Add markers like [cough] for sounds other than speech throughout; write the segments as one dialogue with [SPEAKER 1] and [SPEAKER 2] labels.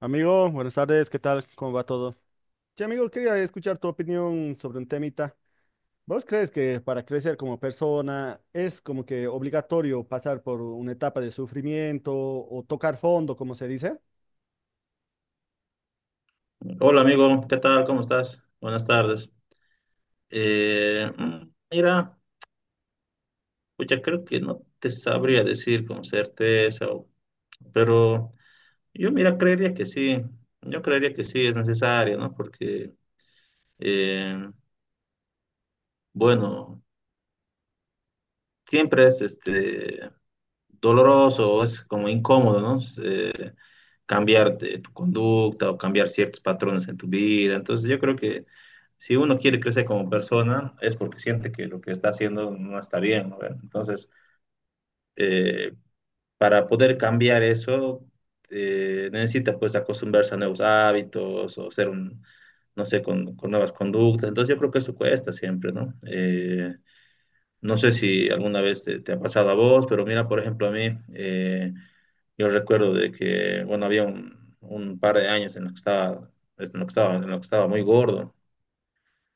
[SPEAKER 1] Amigo, buenas tardes, ¿qué tal? ¿Cómo va todo? Sí, amigo, quería escuchar tu opinión sobre un temita. ¿Vos crees que para crecer como persona es como que obligatorio pasar por una etapa de sufrimiento o tocar fondo, como se dice?
[SPEAKER 2] Hola amigo, ¿qué tal? ¿Cómo estás? Buenas tardes. Mira, pues ya creo que no te sabría decir con certeza, pero yo mira, creería que sí, yo creería que sí es necesario, ¿no? Porque, eh, bueno, siempre es doloroso, es como incómodo, ¿no? Eh, Cambiar de tu conducta o cambiar ciertos patrones en tu vida. Entonces yo creo que si uno quiere crecer como persona es porque siente que lo que está haciendo no está bien, ¿no? Bueno, Entonces, eh, para poder cambiar eso, necesita pues acostumbrarse a nuevos hábitos o ser un, no sé, con nuevas conductas. Entonces yo creo que eso cuesta siempre, ¿no? No sé si alguna vez te ha pasado a vos, pero mira, por ejemplo, a mí. Yo recuerdo de que, bueno, había un par de años en los que estaba, en lo que estaba, en lo que estaba muy gordo,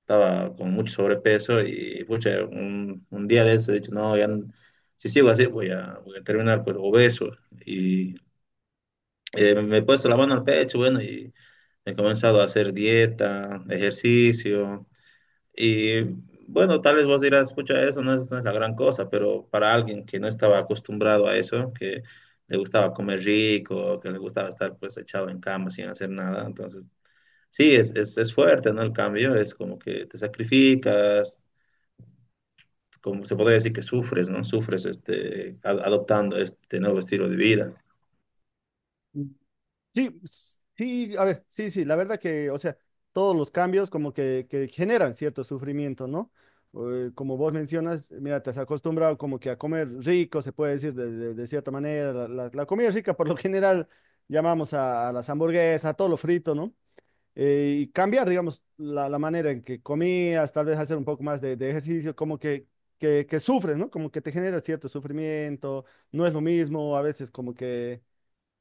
[SPEAKER 2] estaba con mucho sobrepeso y, pucha, un día de eso he dicho, no, ya, si sigo así voy a terminar pues obeso. Y me he puesto la mano al pecho, bueno, y he comenzado a hacer dieta, ejercicio. Y bueno, tal vez vos dirás, pucha, eso no es, no es la gran cosa, pero para alguien que no estaba acostumbrado a eso, que le gustaba comer rico, que le gustaba estar pues echado en cama sin hacer nada, entonces sí, es fuerte, ¿no? El cambio es como que te sacrificas, como se podría decir que sufres, ¿no? Sufres adoptando este nuevo estilo de vida.
[SPEAKER 1] Sí, sí, a ver, sí, sí, la verdad que, o sea, todos los cambios como que generan cierto sufrimiento, ¿no? Como vos mencionas, mira, te has acostumbrado como que a comer rico, se puede decir de cierta manera, la comida rica por lo general llamamos a las hamburguesas, a todo lo frito, ¿no? Y cambiar, digamos, la manera en que comías, tal vez hacer un poco más de ejercicio, como que, que sufres, ¿no? Como que te genera cierto sufrimiento, no es lo mismo, a veces como que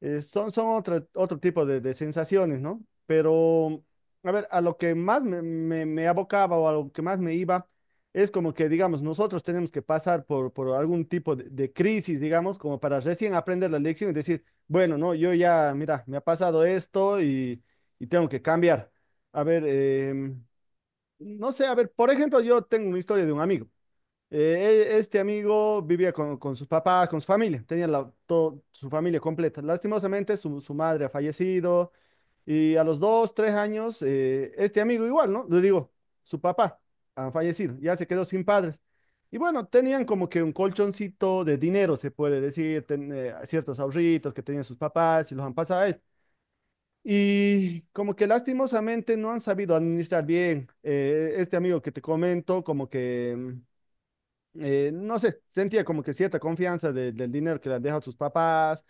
[SPEAKER 1] son otro tipo de sensaciones, ¿no? Pero, a ver, a lo que más me abocaba o a lo que más me iba, es como que, digamos, nosotros tenemos que pasar por algún tipo de crisis, digamos, como para recién aprender la lección y decir, bueno, no, yo ya, mira, me ha pasado esto y tengo que cambiar. A ver, no sé, a ver, por ejemplo, yo tengo una historia de un amigo. Este amigo vivía con sus papás, con su familia, tenía la, todo, su familia completa. Lastimosamente, su madre ha fallecido y a los dos, tres años, este amigo igual, ¿no? Le digo, su papá ha fallecido, ya se quedó sin padres. Y bueno, tenían como que un colchoncito de dinero, se puede decir, ciertos ahorritos que tenían sus papás y los han pasado a él. Y como que lastimosamente no han sabido administrar bien. Este amigo que te comento, como que... no sé, sentía como que cierta confianza del dinero que le han dejado sus papás.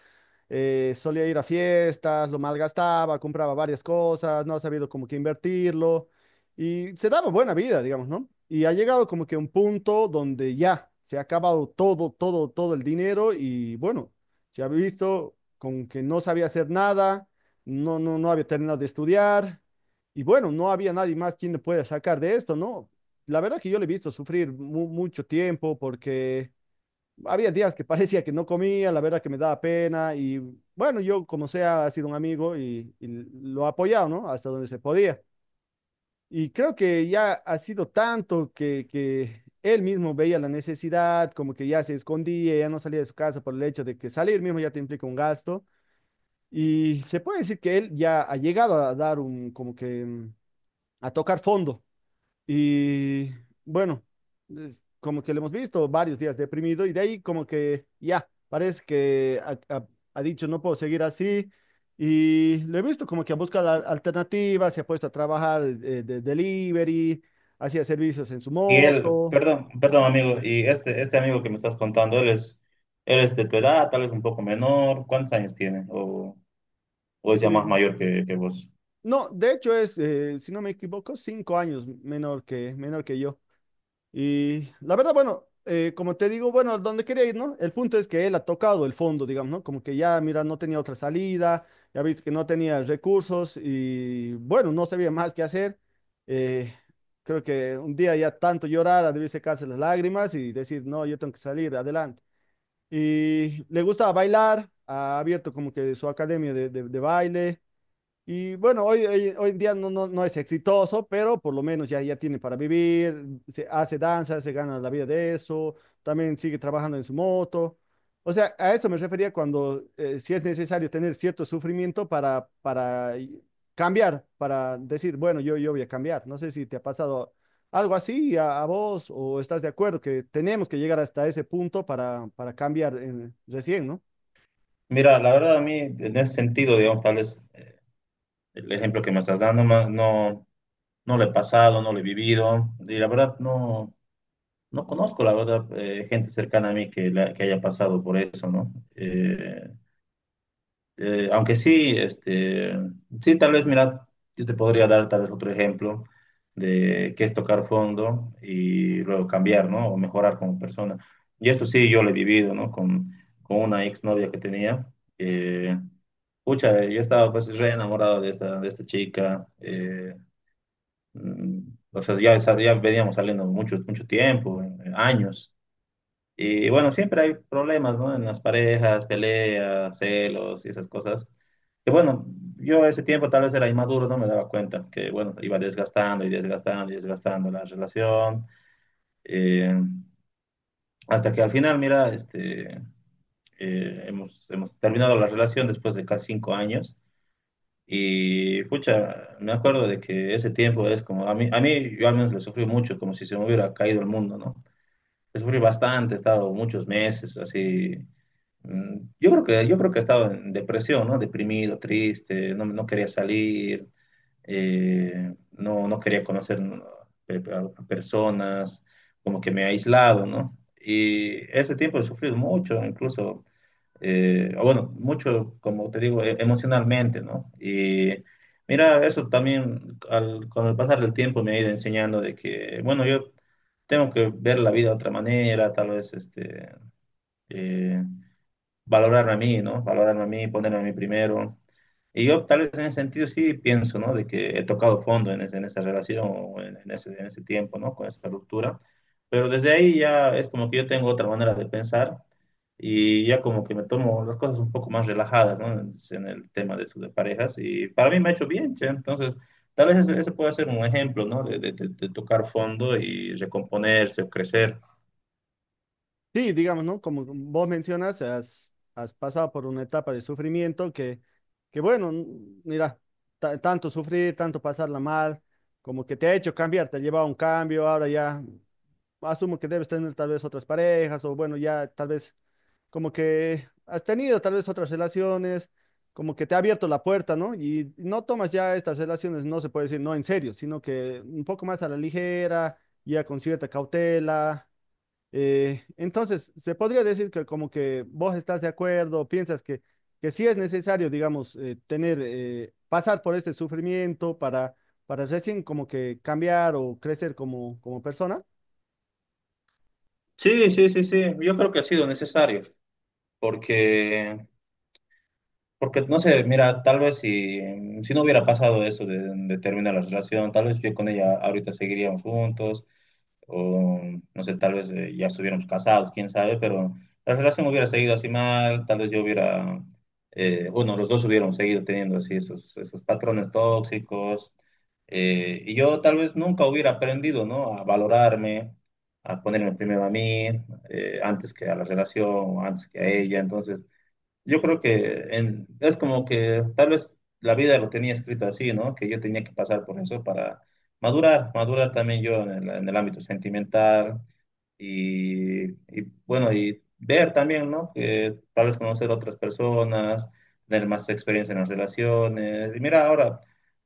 [SPEAKER 1] Eh, solía ir a fiestas, lo malgastaba, compraba varias cosas, no ha sabido como que invertirlo y se daba buena vida, digamos, ¿no? Y ha llegado como que a un punto donde ya se ha acabado todo, todo el dinero y bueno, se ha visto con que no sabía hacer nada, no había terminado de estudiar. Y bueno, no había nadie más quien le pueda sacar de esto, ¿no? La verdad que yo le he visto sufrir mucho tiempo porque había días que [laughs] parecía que no comía, la verdad que me daba pena y bueno, yo como sea, ha sido un amigo y lo he apoyado, ¿no? Hasta donde se podía. Y creo que ya ha sido tanto que él mismo veía la necesidad, como que ya se escondía, ya no salía de su casa por el hecho de que salir mismo ya te implica un gasto. Y se puede decir que él ya ha llegado a dar un, como que, a tocar fondo. Y bueno, es como que lo hemos visto varios días deprimido y de ahí como que ya, parece que ha dicho no puedo seguir así. Y lo he visto como que ha buscado alternativas, se ha puesto a trabajar de delivery, hacía servicios en su
[SPEAKER 2] Y él,
[SPEAKER 1] moto.
[SPEAKER 2] perdón
[SPEAKER 1] Ajá.
[SPEAKER 2] amigo, y este amigo que me estás contando, él es de tu edad, tal vez un poco menor, ¿cuántos años tiene? O sea más
[SPEAKER 1] Sí.
[SPEAKER 2] mayor que vos.
[SPEAKER 1] No, de hecho es, si no me equivoco, cinco años menor que yo. Y la verdad, bueno, como te digo, bueno, donde quería ir, ¿no? El punto es que él ha tocado el fondo, digamos, ¿no? Como que ya, mira, no tenía otra salida, ya viste que no tenía recursos y bueno, no sabía más qué hacer. Eh, Creo que un día ya tanto llorar, debí secarse las lágrimas y decir, no, yo tengo que salir adelante. Y le gusta bailar, ha abierto como que su academia de, de baile. Y bueno, hoy, hoy en día no es exitoso, pero por lo menos ya, ya tiene para vivir, se hace danza, se gana la vida de eso, también sigue trabajando en su moto. O sea, a eso me refería cuando si es necesario tener cierto sufrimiento para, cambiar, para decir, bueno, yo voy a cambiar. No sé si te ha pasado algo así a vos o estás de acuerdo que tenemos que llegar hasta ese punto para cambiar recién, ¿no?
[SPEAKER 2] Mira, la verdad a mí en ese sentido, digamos, tal vez el ejemplo que me estás dando más no, no lo he pasado, no lo he vivido y la verdad no, no conozco, la verdad, gente cercana a mí que, que haya pasado por eso, ¿no? Aunque sí, sí, tal vez, mira, yo te podría dar tal vez otro ejemplo de qué es tocar fondo y luego cambiar, ¿no? O mejorar como persona. Y esto sí, yo lo he vivido, ¿no? Con una exnovia que tenía. Eh, Pucha, yo estaba pues re enamorado de esta chica. mm, o sea, ya, ya veníamos saliendo mucho, mucho tiempo, años. Y bueno, siempre hay problemas, ¿no? En las parejas, peleas, celos y esas cosas. Que bueno, yo ese tiempo tal vez era inmaduro, no me daba cuenta que bueno, iba desgastando y desgastando y desgastando la relación. eh, Hasta que al final, mira, hemos terminado la relación después de casi 5 años. Y pucha, me acuerdo de que ese tiempo es como, a mí yo al menos le sufrí mucho, como si se me hubiera caído el mundo, ¿no? Sufrí bastante, he estado muchos meses así. Yo creo que he estado en depresión, ¿no? Deprimido, triste, no, no quería salir, no, no quería conocer, ¿no? A personas, como que me he aislado, ¿no? Y ese tiempo he sufrido mucho, incluso o bueno, mucho, como te digo, emocionalmente, ¿no? Y mira, eso también con el pasar del tiempo me ha ido enseñando de que, bueno, yo tengo que ver la vida de otra manera, tal vez, eh, valorarme a mí, ¿no? Valorarme a mí, ponerme a mí primero. Y yo tal vez en ese sentido sí pienso, ¿no? De que he tocado fondo en, en esa relación o en, en ese tiempo, ¿no? Con esa ruptura. Pero desde ahí ya es como que yo tengo otra manera de pensar y ya como que me tomo las cosas un poco más relajadas, ¿no? En el tema de, de parejas y para mí me ha hecho bien, che. Entonces, tal vez ese, ese puede ser un ejemplo, ¿no? De, de tocar fondo y recomponerse o crecer.
[SPEAKER 1] Sí, digamos, ¿no? Como vos mencionas, has, has pasado por una etapa de sufrimiento que bueno, mira, tanto sufrir, tanto pasarla mal, como que te ha hecho cambiar, te ha llevado a un cambio, ahora ya asumo que debes tener tal vez otras parejas o bueno, ya tal vez como que has tenido tal vez otras relaciones, como que te ha abierto la puerta, ¿no? Y no tomas ya estas relaciones, no se puede decir no en serio, sino que un poco más a la ligera, ya con cierta cautela. Entonces, se podría decir que como que vos estás de acuerdo, piensas que sí es necesario, digamos, tener, pasar por este sufrimiento para recién como que cambiar o crecer como, como persona.
[SPEAKER 2] Sí, sí, sí, sí. Yo creo que ha sido necesario porque... Porque, no sé, mira, tal vez si, si no hubiera pasado eso de terminar la relación, tal vez yo con ella ahorita seguiríamos juntos, o no sé, tal vez ya estuviéramos casados, quién sabe, pero la relación hubiera seguido así mal, tal vez yo hubiera, bueno, los dos hubiéramos seguido teniendo así esos, esos patrones tóxicos, y yo tal vez nunca hubiera aprendido, ¿no? A valorarme, a ponerme primero a mí, antes que a la relación, antes que a ella, entonces... Yo creo que es como que tal vez la vida lo tenía escrito así, ¿no? Que yo tenía que pasar por eso para madurar, madurar también yo en el ámbito sentimental y, bueno, y ver también, ¿no? Que tal vez conocer otras personas, tener más experiencia en las relaciones. Y mira, ahora,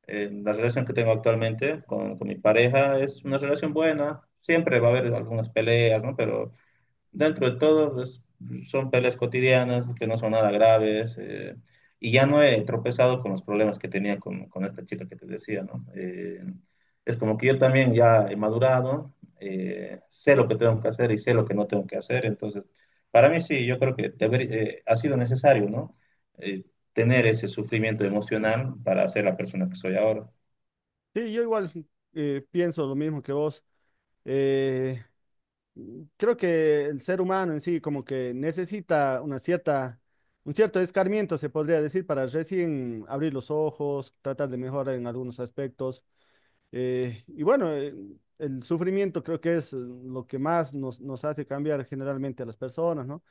[SPEAKER 2] la relación que tengo actualmente con mi pareja es una relación buena. Siempre va a haber algunas peleas, ¿no? Pero dentro de todo, pues, son peleas cotidianas que no son nada graves. Y ya no he tropezado con los problemas que tenía con esta chica que te decía, ¿no? Es como que yo también ya he madurado, sé lo que tengo que hacer y sé lo que no tengo que hacer. Entonces, para mí sí, yo creo que ha sido necesario, ¿no? Eh, Tener ese sufrimiento emocional para ser la persona que soy ahora.
[SPEAKER 1] Sí, yo igual pienso lo mismo que vos. Eh, Creo que el ser humano en sí como que necesita una cierta, un cierto escarmiento, se podría decir, para recién abrir los ojos, tratar de mejorar en algunos aspectos. Y bueno, el sufrimiento creo que es lo que más nos, nos hace cambiar generalmente a las personas, ¿no?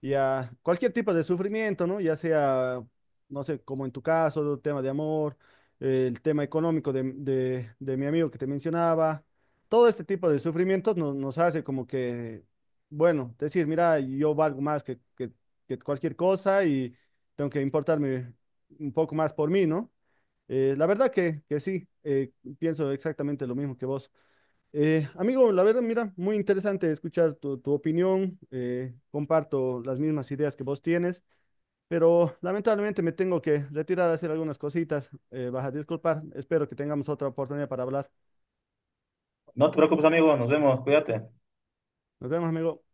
[SPEAKER 1] Y a cualquier tipo de sufrimiento, ¿no? Ya sea, no sé, como en tu caso, el tema de amor, el tema económico de mi amigo que te mencionaba, todo este tipo de sufrimientos nos hace como que, bueno, decir, mira, yo valgo más que, que cualquier cosa y tengo que importarme un poco más por mí, ¿no? La verdad que sí, pienso exactamente lo mismo que vos. Amigo, la verdad, mira, muy interesante escuchar tu, tu opinión. Comparto las mismas ideas que vos tienes, pero lamentablemente me tengo que retirar a hacer algunas cositas. Vas a disculpar. Espero que tengamos otra oportunidad para hablar.
[SPEAKER 2] No te preocupes, amigo, nos vemos, cuídate.
[SPEAKER 1] Nos vemos, amigo.